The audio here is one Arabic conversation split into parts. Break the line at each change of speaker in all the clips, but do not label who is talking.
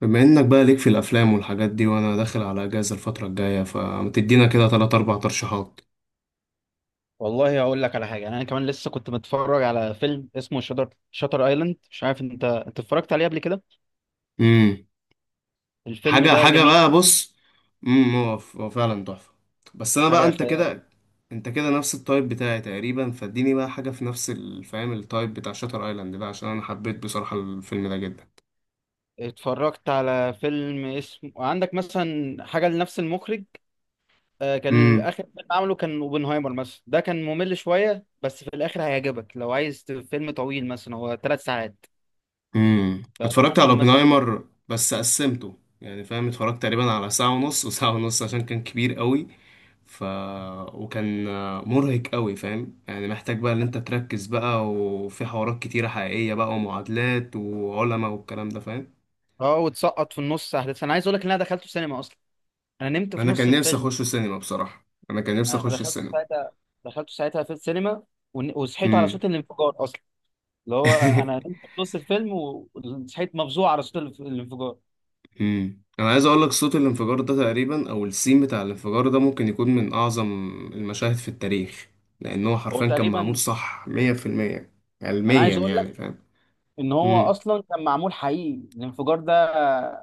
بما انك بقى ليك في الافلام والحاجات دي وانا داخل على اجازه الفتره الجايه فتدينا كده تلات اربع ترشيحات.
والله هقول لك على حاجه. يعني انا كمان لسه كنت متفرج على فيلم اسمه شاتر ايلاند، مش عارف انت اتفرجت عليه قبل كده؟
امم
الفيلم
حاجه
ده
حاجه
جميل،
بقى بص. هو هو فعلا تحفه. بس انا بقى
حاجه خيال.
انت كده نفس التايب بتاعي تقريبا، فاديني بقى حاجه في نفس الفهم التايب بتاع شاتر ايلاند ده، عشان انا حبيت بصراحه الفيلم ده جدا.
اتفرجت على فيلم اسمه، عندك مثلا حاجه لنفس المخرج؟ كان
امم
اخر فيلم عمله كان اوبنهايمر مثلا، ده كان ممل شويه بس في الاخر هيعجبك لو عايز فيلم طويل، مثلا هو 3 ساعات. فده
اتفرجت على
ممكن مثلا.
اوبنهايمر، بس قسمته، يعني فاهم، اتفرجت تقريبا على ساعه ونص وساعه ونص عشان كان كبير قوي. ف وكان مرهق قوي، فاهم يعني، محتاج بقى ان انت تركز بقى، وفي حوارات كتيرة حقيقية بقى ومعادلات وعلماء والكلام ده، فاهم.
اه وتسقط في النص احداث. انا عايز اقول لك ان انا دخلته سينما اصلا، انا نمت في
انا
نص
كان نفسي
الفيلم.
اخش السينما بصراحة، انا كان نفسي
انا
اخش
دخلت
السينما.
ساعتها دخلت ساعتها في السينما. وصحيت على
امم.
صوت الانفجار اصلا، اللي هو انا نمت في نص الفيلم وصحيت مفزوع على صوت الانفجار.
انا عايز اقول لك صوت الانفجار ده تقريبا، او السين بتاع الانفجار ده، ممكن يكون من اعظم المشاهد في التاريخ. لان هو
هو
حرفيا كان معمول
تقريبا،
صح 100%
انا عايز
علميا،
اقول لك
يعني فاهم.
ان هو
امم.
اصلا كان معمول حقيقي الانفجار ده،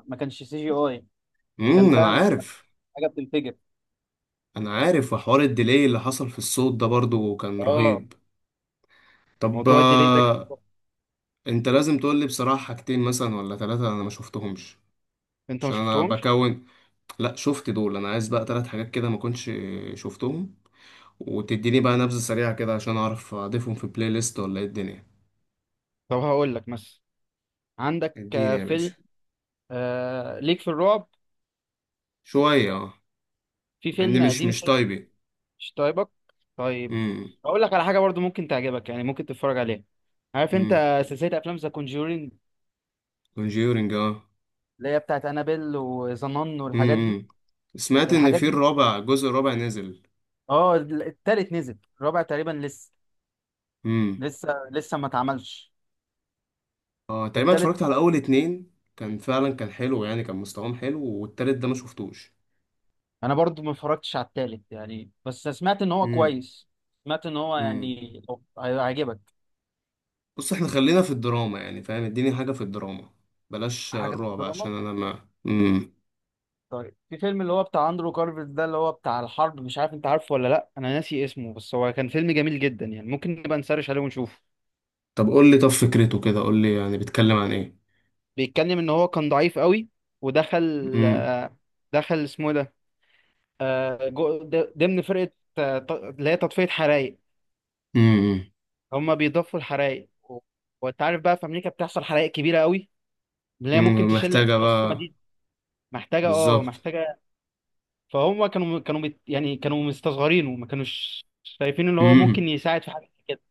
ما كانش CGI، كان
انا
فعلا حاجه،
عارف.
حاجه بتنفجر.
انا عارف، وحوار الديلي اللي حصل في الصوت ده برضو كان
اه،
رهيب. طب
موضوع الديلي ده،
انت لازم تقول لي بصراحة حاجتين مثلا ولا ثلاثة انا ما شفتهمش،
انت ما
عشان انا
شفتهمش.
بكون، لا شفت دول، انا عايز بقى ثلاث حاجات كده ما كنتش شفتهم، وتديني بقى نبذة سريعة كده عشان اعرف اضيفهم في بلاي ليست ولا ايه الدنيا.
طب هقول لك مثلا، عندك
اديني يا باشا.
فيلم ليك في الرعب،
شوية اه،
في
مع اني
فيلم
مش
قديم.
مش طيبي.
مش طيبك؟ طيب،
امم.
اقول لك على حاجه برضو ممكن تعجبك، يعني ممكن تتفرج عليها. عارف
امم،
انت سلسله افلام ذا كونجورينج،
كونجيورنج اه.
اللي هي بتاعت انابيل وظنان والحاجات دي،
امم، سمعت ان
الحاجات
في
دي.
الرابع، الجزء الرابع نزل.
اه، التالت نزل، الرابع تقريبا لسه ما اتعملش.
اه تقريبا
التالت
اتفرجت على اول اتنين، كان فعلا كان حلو يعني، كان مستواهم حلو، والتالت ده ما شفتوش.
انا برضو ما اتفرجتش على التالت يعني، بس سمعت ان هو
امم.
كويس، سمعت ان هو
امم
يعني هيعجبك.
بص، احنا خلينا في الدراما يعني فاهم، اديني حاجة في الدراما، بلاش
حاجه في
الرعب
الدراما.
عشان انا ما
طيب، في فيلم اللي هو بتاع اندرو كارفيت ده، اللي هو بتاع الحرب، مش عارف انت عارفه ولا لا، انا ناسي اسمه بس هو كان فيلم جميل جدا يعني، ممكن نبقى نسرش عليه ونشوفه.
طب قول لي، طب فكرته كده قول لي يعني بيتكلم عن ايه.
بيتكلم ان هو كان ضعيف قوي، ودخل
امم.
آه، دخل اسمه إيه ده، ضمن فرقة، اللي هي تطفية حرائق.
امم.
هما بيضفوا الحرائق و- وانت عارف بقى في امريكا بتحصل حرائق كبيرة قوي، اللي هي ممكن
امم،
تشيلك
محتاجة
نص
بقى.
مدينة. محتاجة اه
بالظبط.
محتاجة فهم كانوا يعني كانوا مستصغرينه، ما كانوش شايفين ان هو ممكن
امم.
يساعد في حاجة كده.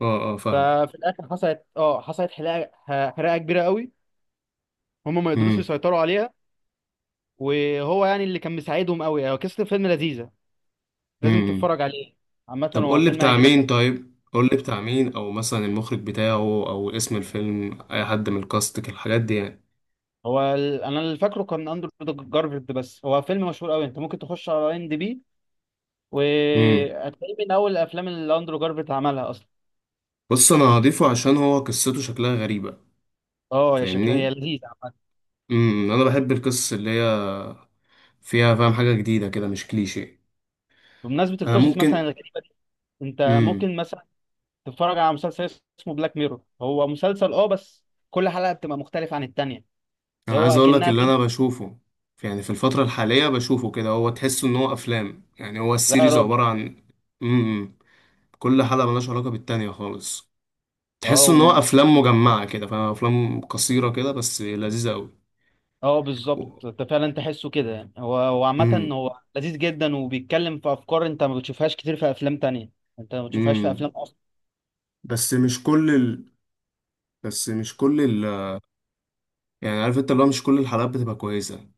اه اه فاهمك.
ففي الاخر حصلت حرقه، حرقه كبيره قوي، هم ما قدروش
امم.
يسيطروا عليها، وهو يعني اللي كان مساعدهم قوي. هو قصه الفيلم لذيذه، لازم
امم
تتفرج عليه، عامه
طب
هو
قول لي
فيلم
بتاع
هيعجبك
مين،
أوي.
طيب قول لي بتاع مين، او مثلا المخرج بتاعه، او اسم الفيلم، اي حد من الكاست، الحاجات دي يعني.
انا اللي فاكره كان اندرو جارفيلد، بس هو فيلم مشهور قوي، انت ممكن تخش على IMDB
امم
وهتلاقيه من اول الافلام اللي اندرو جارفيلد عملها اصلا.
بص، انا هضيفه عشان هو قصته شكلها غريبة.
اه يا، شكلها هي
فاهمني،
لذيذه عامه.
انا بحب القصص اللي هي فيها فاهم حاجة جديدة كده، مش كليشيه.
بمناسبه
انا
القصص مثلا
ممكن.
الغريبه دي، انت
امم.
ممكن مثلا تتفرج على مسلسل اسمه بلاك ميرور. هو مسلسل، بس كل حلقه بتبقى مختلفه عن التانيه،
انا
هو
عايز اقول لك
اكنها
اللي
فيلم.
انا بشوفه يعني في الفترة الحالية، بشوفه كده، هو تحس ان هو افلام، يعني هو
لا يا
السيريز
راجل.
عبارة عن، امم، كل حلقة ملهاش علاقة بالتانية خالص.
اه
تحس ان هو افلام مجمعة كده، فاهم، افلام قصيرة كده، بس لذيذة قوي.
اه، بالظبط، انت فعلا تحسه كده يعني. هو عامة
امم.
هو لذيذ جدا، وبيتكلم في افكار انت ما بتشوفهاش كتير في افلام تانية، انت ما بتشوفهاش في
امم.
افلام اصلا.
بس مش كل ال... بس مش كل، يعني عارف انت، اللي هو مش كل الحلقات بتبقى كويسة.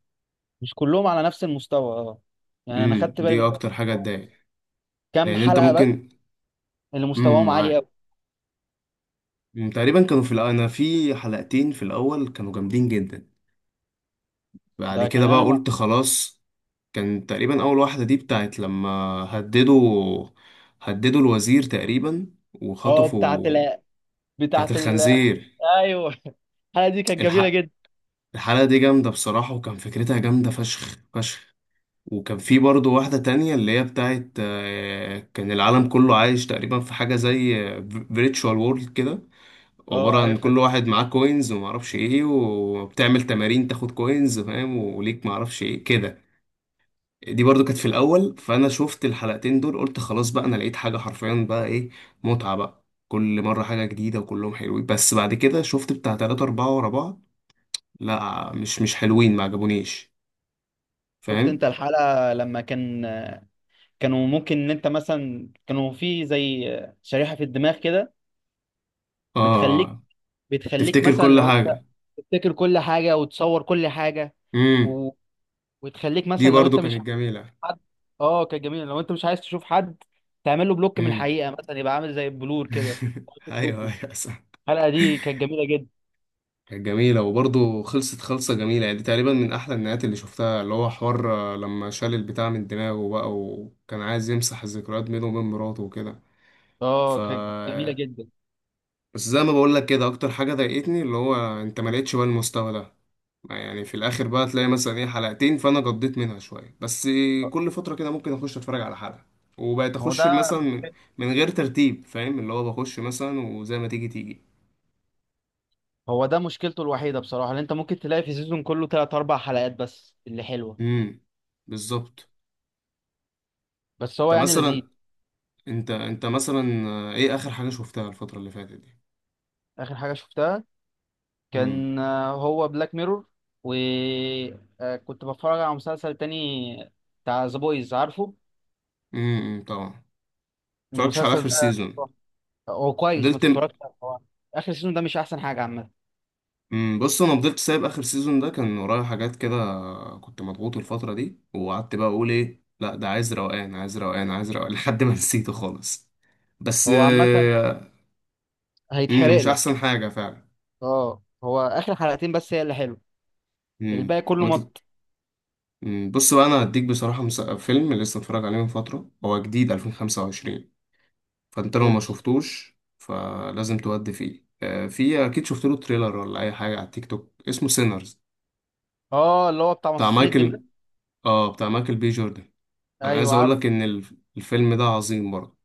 مش كلهم على نفس المستوى. اه يعني انا
امم،
خدت بالي
دي
من
اكتر حاجة تضايق،
كام
لان انت
حلقة بس
ممكن.
اللي
امم،
مستواهم عالي
معاك.
قوي.
تقريبا كانوا في انا في حلقتين في الاول كانوا جامدين جدا. بعد
ده
كده
كان
بقى
انا.
قلت خلاص. كان تقريبا اول واحدة دي بتاعت لما هددوا هددوا الوزير تقريبا،
اه، بتاعت
وخطفوا
ال
بتاعت
بتاعت ال
الخنزير.
ايوه الحلقة دي كانت جميلة
الحق،
جدا.
الحلقة دي جامدة بصراحة، وكان فكرتها جامدة فشخ فشخ. وكان في برضه واحدة تانية اللي هي بتاعت كان العالم كله عايش تقريبا في حاجة زي فيرتشوال وورلد كده،
اه،
عبارة عن
عارفها
كل
دي.
واحد معاه كوينز ومعرفش ايه، وبتعمل تمارين تاخد كوينز، فاهم، وليك معرفش ايه كده. دي برضو كانت في الأول، فأنا شفت الحلقتين دول قلت خلاص بقى، أنا لقيت حاجة حرفيا بقى ايه، متعة بقى كل مرة حاجة جديدة، وكلهم حلوين. بس بعد كده شفت بتاع تلاتة أربعة ورا بعض، لا مش حلوين، ما عجبونيش،
شفت
فاهم.
انت الحلقة لما كانوا ممكن ان انت مثلا، كانوا في زي شريحة في الدماغ كده، بتخليك
اه،
بتخليك
تفتكر
مثلا
كل
لو انت
حاجة.
تفتكر كل حاجه وتصور كل حاجه.
مم.
و... وتخليك
دي
مثلا لو
برضو
انت مش
كانت
عايز
جميلة.
حد. اه، كانت جميله. لو انت مش عايز تشوف حد، تعمل له بلوك من
امم.
الحقيقه، مثلا يبقى عامل زي البلور كده، عايز
ايوه
تشوفه.
ايوه صح.
الحلقه دي كانت جميله جدا،
كانت جميلة، وبرضو خلصت خلصة جميلة يعني، دي تقريبا من احلى النهايات اللي شفتها، اللي هو حوار لما شال البتاع من دماغه بقى، وكان عايز يمسح الذكريات بينه وبين مراته وكده. ف
اه، كانت جميله جدا.
بس زي ما بقول لك كده، اكتر حاجه ضايقتني اللي هو انت ما لقيتش بقى المستوى ده. يعني في الاخر بقى تلاقي مثلا ايه، حلقتين، فانا قضيت منها شويه بس. كل فتره كده ممكن اخش اتفرج على حلقه، وبقيت
ما هو
اخش
ده
مثلا من، من غير ترتيب، فاهم، اللي هو بخش مثلا وزي ما تيجي تيجي.
هو ده مشكلته الوحيده بصراحه، اللي انت ممكن تلاقي في سيزون كله ثلاث اربع حلقات بس اللي حلوه،
امم. بالظبط.
بس
انت
هو يعني لذيذ.
مثلا، انت مثلا ايه اخر حاجه شفتها الفتره اللي فاتت دي.
اخر حاجه شفتها
امم.
كان هو بلاك ميرور، وكنت بتفرج على مسلسل تاني بتاع ذا بويز، عارفه
طبعا، متفرجتش على
المسلسل
اخر
ده؟
سيزون.
هو كويس، ما
فضلت،
تتفرجش عليه. هو اخر سيزون ده مش احسن حاجه عامه،
بص، انا فضلت سايب اخر سيزون ده، كان ورايا حاجات كده، كنت مضغوط الفتره دي، وقعدت بقى اقول ايه، لا ده عايز روقان عايز روقان عايز روقان، لحد ما نسيته خالص. بس
هو عامه
امم،
هيتحرق
مش
لك.
احسن حاجه فعلا.
اه، هو اخر حلقتين بس هي اللي حلو، الباقي
طب
كله مط.
أمم، بص بقى، انا هديك بصراحه فيلم لسه اتفرج عليه من فتره، هو جديد 2025، فانت لو ما
قول.
شفتوش فلازم تودي فيه في اكيد شفت له تريلر ولا اي حاجه على التيك توك، اسمه سينرز،
اه، اللي هو بتاع
بتاع
مصاصين
مايكل،
الدماء.
اه بتاع مايكل بي جوردن. انا عايز
ايوه
اقول
عارف.
لك ان الفيلم ده عظيم برضه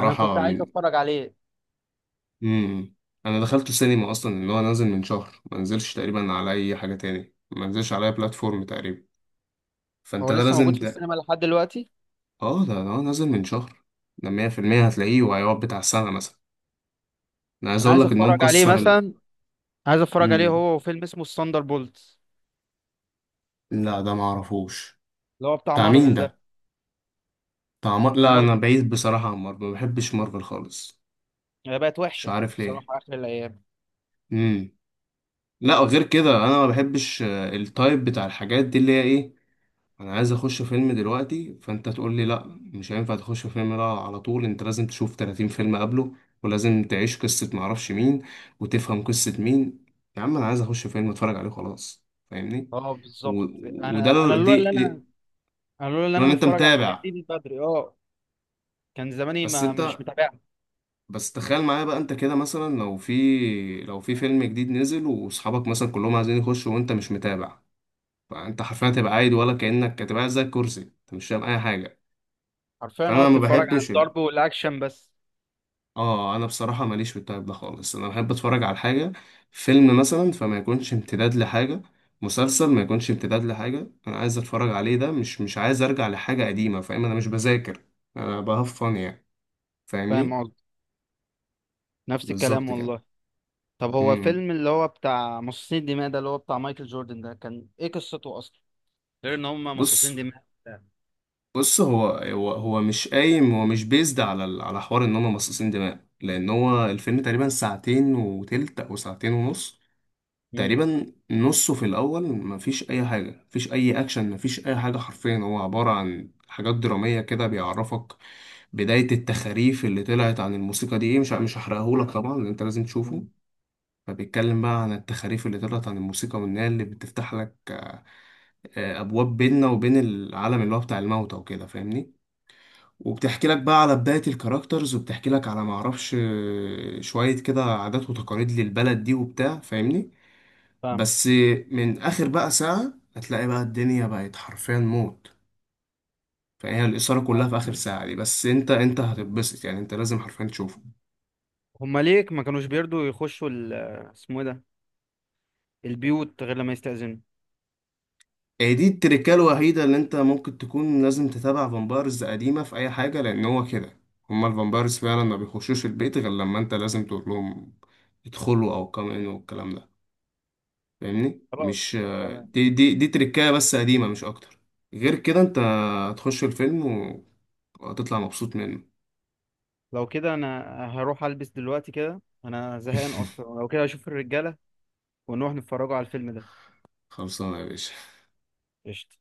انا كنت عايز
من
اتفرج عليه،
مم. انا دخلته سينما اصلا، ان هو نازل من شهر، ما نزلش تقريبا على اي حاجة تاني، ما نزلش على اي بلاتفورم تقريبا، فانت
هو
ده
لسه
لازم
موجود في
ده.
السينما لحد دلوقتي؟
اه ده نازل من شهر، ده 100% هتلاقيه، وهيقعد بتاع سنة مثلا. انا عايز
انا
اقول
عايز
لك ان هو
اتفرج عليه
مكسر
مثلا، عايز اتفرج عليه،
مم.
هو فيلم اسمه الثاندر بولت،
لا ده ما اعرفوش.
اللي هو بتاع
بتاع مين
مارفل
ده، لا
ده،
انا بعيد بصراحة عن مارفل، ما بحبش مارفل خالص،
هي بقت
مش
وحشه
عارف ليه.
بصراحه اخر الايام.
مم. لا غير كده انا ما بحبش التايب بتاع الحاجات دي اللي هي ايه، انا عايز اخش فيلم دلوقتي فانت تقول لي لا مش هينفع تخش فيلم، لا على طول انت لازم تشوف 30 فيلم قبله، ولازم تعيش قصة معرفش مين، وتفهم قصة مين، يا عم انا عايز اخش فيلم اتفرج عليه خلاص، فاهمني.
اه
و...
بالظبط.
وده
انا
ال-
لولا
دي
اللي انا
دي
انا لولا اللي
لو
انا
انت
متفرج على الحاجات
متابع.
دي من بدري، اه كان زماني
بس
ما مش
انت
متابعها.
بس تخيل معايا بقى، انت كده مثلا لو في فيلم جديد نزل، واصحابك مثلا كلهم عايزين يخشوا وانت مش متابع، فانت حرفيا هتبقى قاعد، ولا كأنك هتبقى قاعد زي الكرسي، انت مش فاهم اي حاجة.
حرفيا،
فانا ما
بتتفرج على
بحبش،
الضرب والاكشن بس.
اه انا بصراحه ماليش في التايب ده خالص، انا بحب اتفرج على حاجه، فيلم مثلا فما يكونش امتداد لحاجه، مسلسل ما يكونش امتداد لحاجه، انا عايز اتفرج عليه ده، مش عايز ارجع لحاجه قديمه، فاهم، انا مش بذاكر، انا بهفن يعني،
فاهم
فاهمني.
قصدي، نفس الكلام
بالظبط كده.
والله. طب هو
إمم.
فيلم اللي هو بتاع مصاصين الدماء ده، اللي هو بتاع مايكل جوردن ده، كان ايه قصته اصلا غير ان هم مصاصين
بص،
دماء؟
بص هو مش قايم، هو مش بيزد على على حوار ان هم مصاصين دماء، لان هو الفيلم تقريبا ساعتين وتلت او ساعتين ونص.
امم
تقريبا نصه في الاول مفيش اي حاجه، مفيش اي اكشن، مفيش اي حاجه، حرفيا هو عباره عن حاجات دراميه كده، بيعرفك بدايه التخاريف اللي طلعت عن الموسيقى دي ايه، مش هحرقهولك طبعا لأن انت لازم تشوفه. فبيتكلم بقى عن التخاريف اللي طلعت عن الموسيقى، وإنها اللي بتفتح لك ابواب بيننا وبين العالم اللي هو بتاع الموتى وكده، فاهمني. وبتحكي لك بقى على بداية الكاركترز، وبتحكي لك على معرفش شوية كده عادات وتقاليد للبلد دي وبتاع، فاهمني.
فاهم.
بس من اخر بقى ساعة هتلاقي بقى الدنيا بقت حرفيا موت. فهي الإثارة كلها في آخر ساعة دي بس، أنت أنت هتتبسط يعني، أنت لازم حرفيا تشوفه.
هم ليه ما كانوش بيرضوا يخشوا اسمه ايه ده، البيوت غير لما يستأذنوا؟
إيه دي التركة الوحيدة اللي أنت ممكن تكون لازم تتابع فامبايرز قديمة في أي حاجة، لأن هو كده هما الفامبايرز فعلا ما بيخشوش البيت غير لما أنت لازم تقول لهم ادخلوا أو كام إن والكلام ده، فاهمني. مش
خلاص تمام.
دي دي دي تركاية بس قديمة، مش أكتر. غير كده أنت هتخش الفيلم وهتطلع مبسوط منه.
لو كده انا هروح البس دلوقتي كده، انا زهقان اصلا، لو كده اشوف الرجاله ونروح نتفرجوا على الفيلم ده.
خلصانة يا باشا.
قشطة.